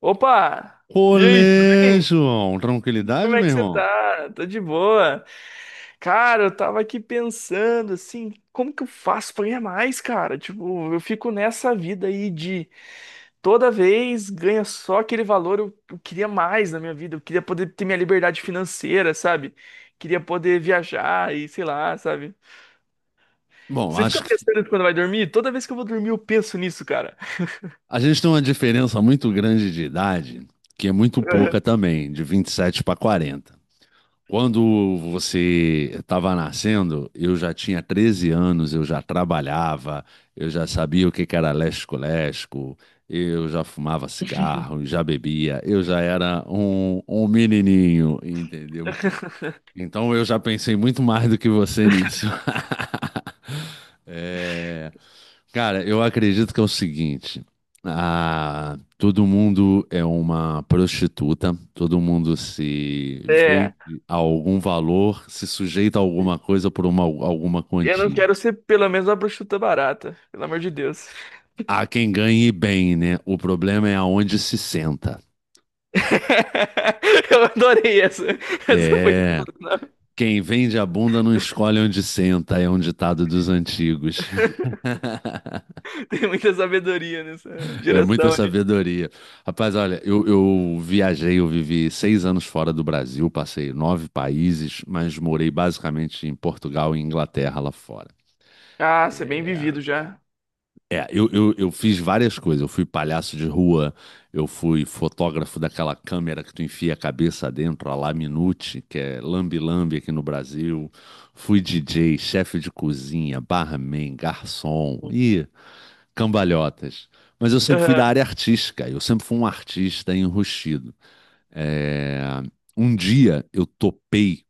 Opa! E aí, tudo Olê, bem? João. Como Tranquilidade, é meu que você irmão? tá? Tô de boa. Cara, eu tava aqui pensando assim, como que eu faço pra ganhar mais, cara? Tipo, eu fico nessa vida aí de toda vez ganha só aquele valor, eu queria mais na minha vida, eu queria poder ter minha liberdade financeira, sabe? Queria poder viajar e sei lá, sabe? Bom, Você fica acho que pensando quando vai dormir? Toda vez que eu vou dormir, eu penso nisso, cara. a gente tem uma diferença muito grande de idade, que é muito pouca também, de 27 para 40. Quando você estava nascendo, eu já tinha 13 anos, eu já trabalhava, eu já sabia o que que era lesco-lesco, eu já fumava cigarro, já bebia, eu já era um menininho, entendeu? Então eu já pensei muito mais do que você nisso. É. Cara, eu acredito que é o seguinte: ah, todo mundo é uma prostituta, todo mundo se É. vende a algum valor, se sujeita a alguma coisa por alguma Eu não quantia. quero ser pelo menos uma bruxuta barata, pelo amor de Deus. Há quem ganhe bem, né? O problema é aonde se senta. Eu adorei essa. Essa foi É. sensacional. Quem vende a bunda não escolhe onde senta, é um ditado dos antigos. Tem muita sabedoria nessa É muita geração aí. sabedoria. Rapaz, olha, eu viajei, eu vivi 6 anos fora do Brasil, passei nove países, mas morei basicamente em Portugal e Inglaterra lá fora. Ah, você é bem É, vivido já. é, eu fiz várias coisas. Eu fui palhaço de rua, eu fui fotógrafo daquela câmera que tu enfia a cabeça dentro, a Laminute, que é lambe-lambe aqui no Brasil. Fui DJ, chefe de cozinha, barman, garçom. Ih, cambalhotas. Mas eu sempre fui da Aham. área artística, eu sempre fui um artista enrustido. É. Um dia eu topei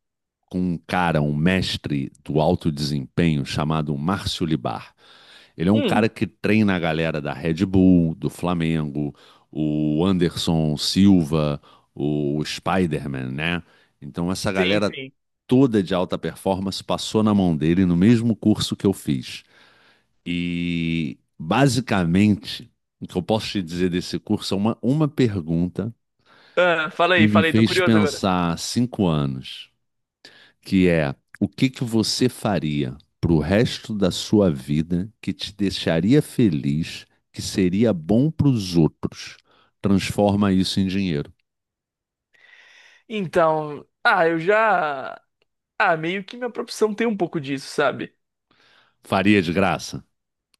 com um cara, um mestre do alto desempenho chamado Márcio Libar. Ele é um Hum, cara que treina a galera da Red Bull, do Flamengo, o Anderson Silva, o Spider-Man, né? Então essa sim, galera sim. toda de alta performance passou na mão dele no mesmo curso que eu fiz. E basicamente, o que eu posso te dizer desse curso é uma pergunta Ah, que me fala aí, tô fez curioso agora. pensar há 5 anos, que é o que que você faria para o resto da sua vida que te deixaria feliz, que seria bom para os outros? Transforma isso em dinheiro. Então, ah, eu já. Ah, meio que minha profissão tem um pouco disso, sabe? Faria de graça?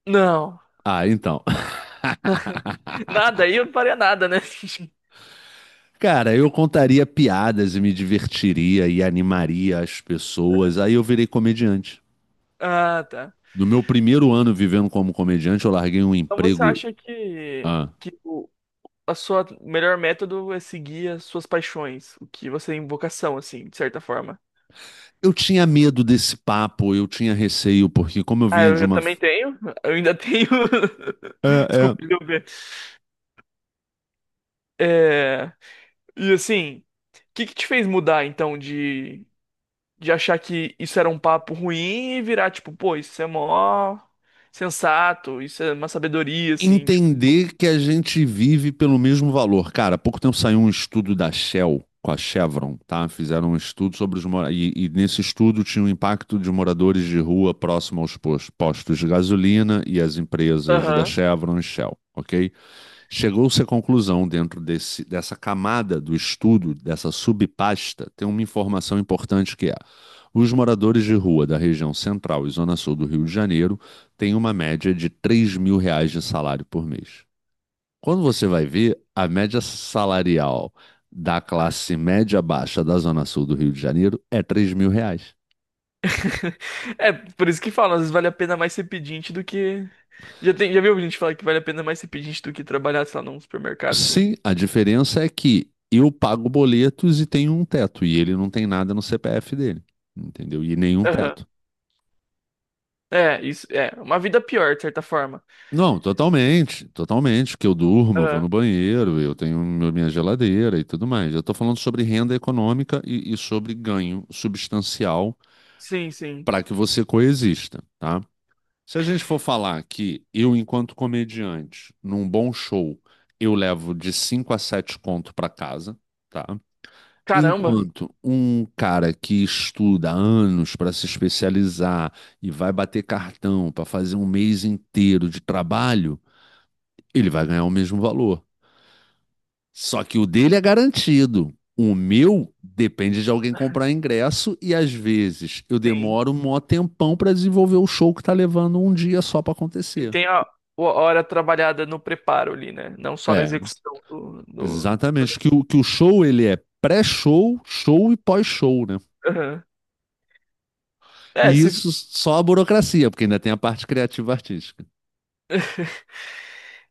Não, Ah, então. nada, aí eu não faria nada, né? Cara, eu contaria piadas e me divertiria e animaria as pessoas. Aí eu virei comediante. Ah, tá. No meu primeiro ano vivendo como comediante, eu larguei um Então você emprego. acha Ah, que o a sua melhor método é seguir as suas paixões, o que você tem vocação, assim, de certa forma. eu tinha medo desse papo, eu tinha receio, porque como eu Ah, vinha eu, de eu uma. também tenho. Eu ainda tenho. É, é, Desculpa, deu ver. É... E assim, o que que te fez mudar, então, de achar que isso era um papo ruim e virar, tipo, pô, isso é mó sensato, isso é uma sabedoria, assim, tipo. entender que a gente vive pelo mesmo valor. Cara, há pouco tempo saiu um estudo da Shell com a Chevron, tá? Fizeram um estudo sobre os moradores. E, nesse estudo tinha o impacto de moradores de rua próximo aos postos de gasolina e as empresas da Aham. Chevron e Shell, ok? Chegou-se à conclusão, dentro dessa camada do estudo, dessa subpasta, tem uma informação importante que é: os moradores de rua da região central e zona sul do Rio de Janeiro tem uma média de R$ 3.000 de salário por mês. Quando você vai ver, a média salarial da classe média baixa da Zona Sul do Rio de Janeiro é R$ 3.000. É, por isso que falam, às vezes vale a pena mais ser pedinte do que. Já tem, já viu gente falar que vale a pena mais ser pedinte do que trabalhar, sei lá, num supermercado, assim? Sim, a diferença é que eu pago boletos e tenho um teto, e ele não tem nada no CPF dele, entendeu? E nenhum Aham. teto. É, isso, é. Uma vida pior, de certa forma. Não, totalmente, totalmente, que eu durmo, eu vou Aham. no banheiro, eu tenho meu- minha geladeira e tudo mais. Eu estou falando sobre renda econômica e sobre ganho substancial Sim, sim. para que você coexista, tá? Se a gente for falar que eu, enquanto comediante, num bom show, eu levo de 5 a 7 conto para casa, tá? Caramba, Enquanto um cara que estuda há anos para se especializar e vai bater cartão para fazer um mês inteiro de trabalho, ele vai ganhar o mesmo valor. Só que o dele é garantido. O meu depende de alguém comprar ingresso e às vezes eu sim. demoro um mó tempão para desenvolver o show que tá levando um dia só para Sim, acontecer. tem a, a hora trabalhada no preparo ali, né? Não só na É, execução do... exatamente. Que o show ele é pré-show, show e pós-show, né? Aham. É, E se, isso só a burocracia, porque ainda tem a parte criativa artística.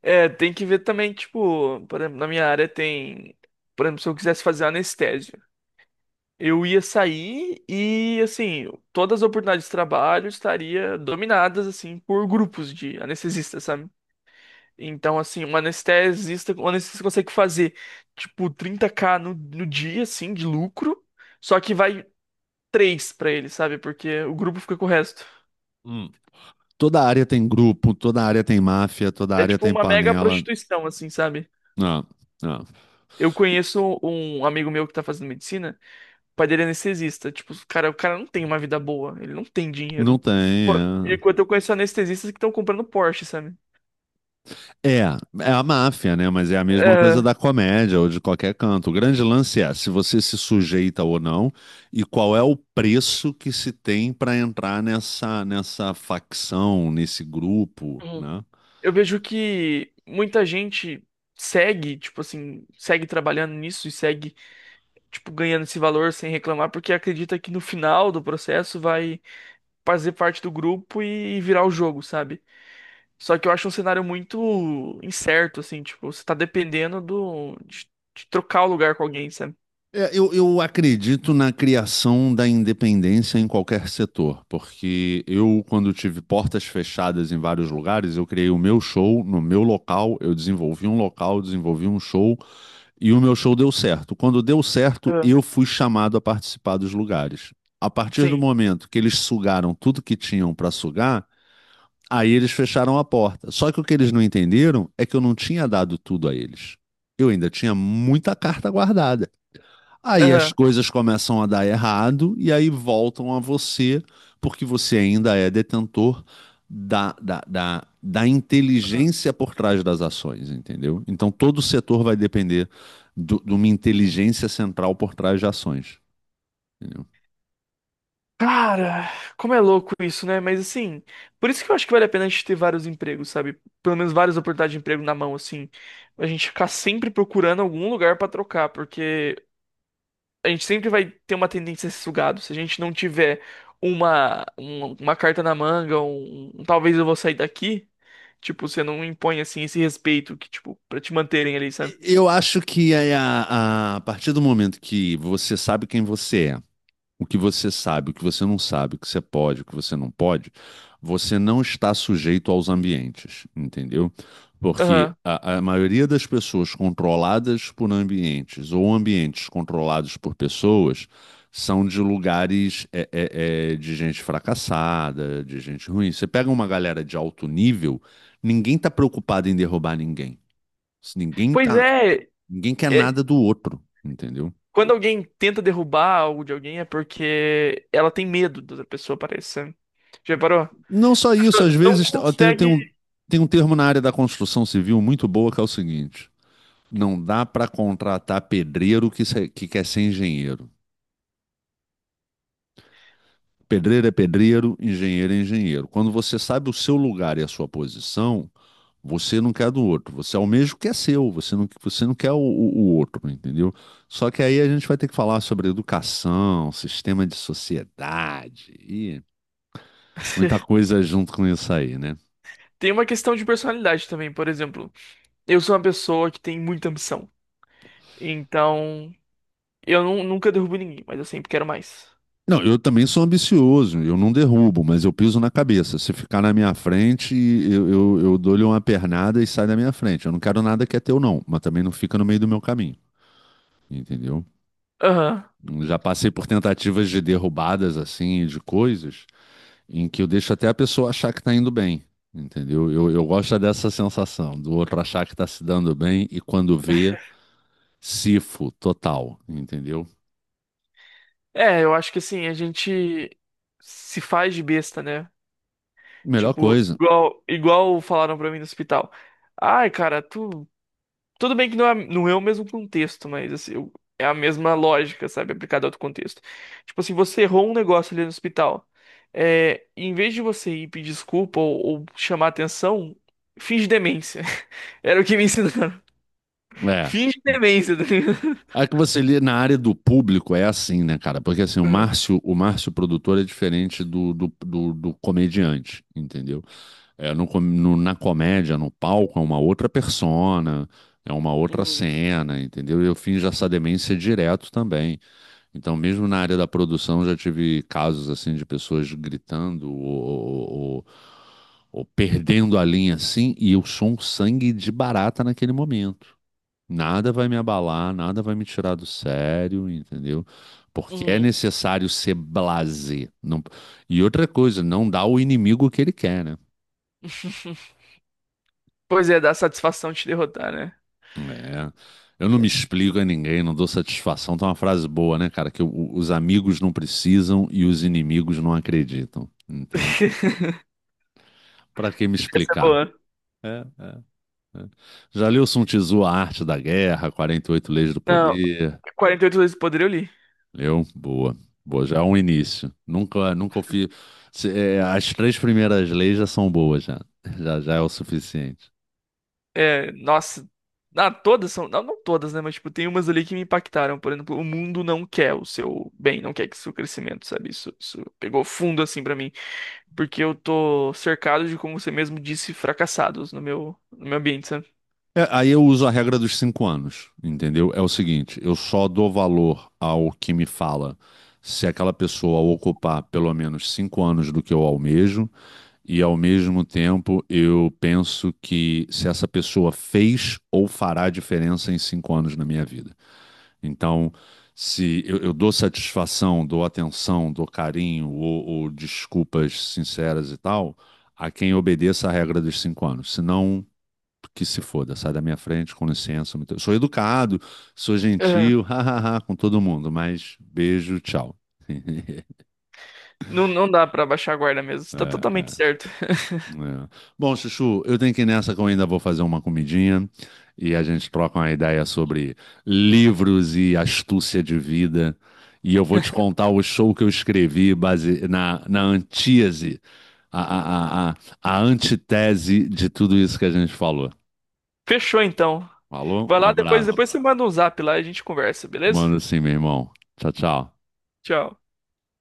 é, tem que ver também, tipo, por exemplo, na minha área tem. Por exemplo, se eu quisesse fazer anestésio. Eu ia sair e, assim, todas as oportunidades de trabalho estaria dominadas, assim, por grupos de anestesistas, sabe? Então, assim, um anestesista consegue fazer, tipo, 30k no dia, assim, de lucro, só que vai três pra ele, sabe? Porque o grupo fica com o resto. Hum. Toda área tem grupo, toda área tem máfia, toda É área tipo tem uma mega panela. prostituição, assim, sabe? Não, não. Eu conheço um amigo meu que tá fazendo medicina. O pai dele é anestesista. Tipo, o cara não tem uma vida boa. Ele não tem Não dinheiro. tem, Pô, é. enquanto eu conheço anestesistas que estão comprando Porsche, sabe? É, é a máfia, né? Mas é a mesma coisa É, da comédia ou de qualquer canto. O grande lance é se você se sujeita ou não e qual é o preço que se tem para entrar nessa facção, nesse grupo, uhum. né? Eu vejo que muita gente segue, tipo assim, segue trabalhando nisso e segue, tipo, ganhando esse valor sem reclamar, porque acredita que no final do processo vai fazer parte do grupo e virar o jogo, sabe? Só que eu acho um cenário muito incerto, assim, tipo, você tá dependendo de trocar o lugar com alguém, sabe? É, eu acredito na criação da independência em qualquer setor, porque eu, quando tive portas fechadas em vários lugares, eu criei o meu show no meu local, eu desenvolvi um local, desenvolvi um show. E o meu show deu certo. Quando deu certo, Aham. eu fui chamado a participar dos lugares. A partir do Sim. momento que eles sugaram tudo que tinham para sugar, aí eles fecharam a porta. Só que o que eles não entenderam é que eu não tinha dado tudo a eles. Eu ainda tinha muita carta guardada. Aí as Aham. coisas começam a dar errado e aí voltam a você, porque você ainda é detentor da inteligência por trás das ações, entendeu? Então todo setor vai depender de uma inteligência central por trás de ações, entendeu? Cara, como é louco isso, né? Mas assim, por isso que eu acho que vale a pena a gente ter vários empregos, sabe? Pelo menos várias oportunidades de emprego na mão, assim. A gente ficar sempre procurando algum lugar pra trocar, porque a gente sempre vai ter uma tendência a ser sugado. Se a gente não tiver uma carta na manga, um talvez eu vou sair daqui, tipo, você não impõe assim esse respeito que, tipo, pra te manterem ali, sabe? Eu acho que é a partir do momento que você sabe quem você é, o que você sabe, o que você não sabe, o que você pode, o que você não pode, você não está sujeito aos ambientes, entendeu? Porque Aham. a maioria das pessoas controladas por ambientes ou ambientes controlados por pessoas são de lugares de gente fracassada, de gente ruim. Você pega uma galera de alto nível, ninguém está preocupado em derrubar ninguém. Ninguém Pois tá, é, ninguém quer é, nada do outro, entendeu? quando alguém tenta derrubar algo de alguém é porque ela tem medo da outra pessoa, parece. Já reparou? Não só A isso, às pessoa não vezes ó, tem, tem consegue. um, tem um termo na área da construção civil muito boa que é o seguinte: não dá para contratar pedreiro que, se- que quer ser engenheiro. Pedreiro é pedreiro, engenheiro é engenheiro. Quando você sabe o seu lugar e a sua posição, você não quer do outro. Você almeja o que é seu, você não quer o outro, entendeu? Só que aí a gente vai ter que falar sobre educação, sistema de sociedade e muita coisa junto com isso aí, né? Tem uma questão de personalidade também, por exemplo. Eu sou uma pessoa que tem muita ambição. Então, nunca derrubo ninguém, mas eu sempre quero mais. Não, eu também sou ambicioso, eu não derrubo, mas eu piso na cabeça. Se ficar na minha frente, eu dou-lhe uma pernada e sai da minha frente. Eu não quero nada que é teu, não, mas também não fica no meio do meu caminho, entendeu? Aham. Já passei por tentativas de derrubadas, assim, de coisas, em que eu deixo até a pessoa achar que tá indo bem, entendeu? Eu gosto dessa sensação, do outro achar que tá se dando bem e quando vê, cifo total, entendeu? É, eu acho que assim, a gente se faz de besta, né? Melhor Tipo, coisa. Igual falaram pra mim no hospital. Ai, cara, tu. Tudo bem que não é o mesmo contexto, mas assim, eu- é a mesma lógica, sabe? Aplicada a outro contexto. Tipo assim, você errou um negócio ali no hospital. É, em vez de você ir pedir desculpa ou chamar atenção, finge demência. Era o que me ensinaram. É. Finge demência, tá ligado? A que você lê na área do público é assim, né, cara? Porque assim, Uhum, o Márcio produtor é diferente do comediante, entendeu? É, no na comédia, no palco, é uma outra persona, é uma outra uhum. cena, entendeu? Eu finjo essa demência direto também. Então, mesmo na área da produção, já tive casos assim de pessoas gritando ou perdendo a linha assim, e eu sou um sangue de barata naquele momento. Nada vai me abalar, nada vai me tirar do sério, entendeu? Porque é Uhum. necessário ser blasé. Não. E outra coisa, não dá ao inimigo o que ele quer, né? Pois é, dá satisfação te derrotar, né? É. Eu não me explico a ninguém, não dou satisfação. Tá uma frase boa, né, cara? Os amigos não precisam e os inimigos não acreditam. Então, pra que me Essa é explicar? boa. É, é, é. Já leu Sun Tzu, A Arte da Guerra, 48 Leis do Não, Poder? 48 vezes do poder eu li. Eu? Boa. Boa, já é um início. Nunca, nunca fiz. É, as três primeiras leis já são boas, já. Já, já é o suficiente. É, nossa. Ah, todas são. Não, não todas, né? Mas, tipo, tem umas ali que me impactaram. Por exemplo, o mundo não quer o seu bem, não quer que seu crescimento, sabe? Isso pegou fundo, assim, pra mim. Porque eu tô cercado de, como você mesmo disse, fracassados no meu ambiente, sabe? É, aí eu uso a regra dos 5 anos, entendeu? É o seguinte, eu só dou valor ao que me fala se aquela pessoa ocupar pelo menos 5 anos do que eu almejo, e ao mesmo tempo eu penso que se essa pessoa fez ou fará diferença em 5 anos na minha vida. Então, se eu dou satisfação, dou atenção, dou carinho ou desculpas sinceras e tal, a quem obedeça a regra dos 5 anos. Se não, que se foda, sai da minha frente, com licença. Sou educado, sou É. gentil, hahaha, com todo mundo, mas beijo, tchau. Não, não dá pra baixar a guarda mesmo. Você É, tá é. totalmente certo. É. Bom, Chuchu, eu tenho que ir nessa que eu ainda vou fazer uma comidinha e a gente troca uma ideia sobre livros e astúcia de vida. E eu vou te contar o show que eu escrevi base na antítese, a, a, a, a a antitese de tudo isso que a gente falou. Fechou, então. Falou? Vai Um lá, abraço. depois você manda um zap lá e a gente conversa, beleza? Manda sim, meu irmão. Tchau, tchau. Tchau.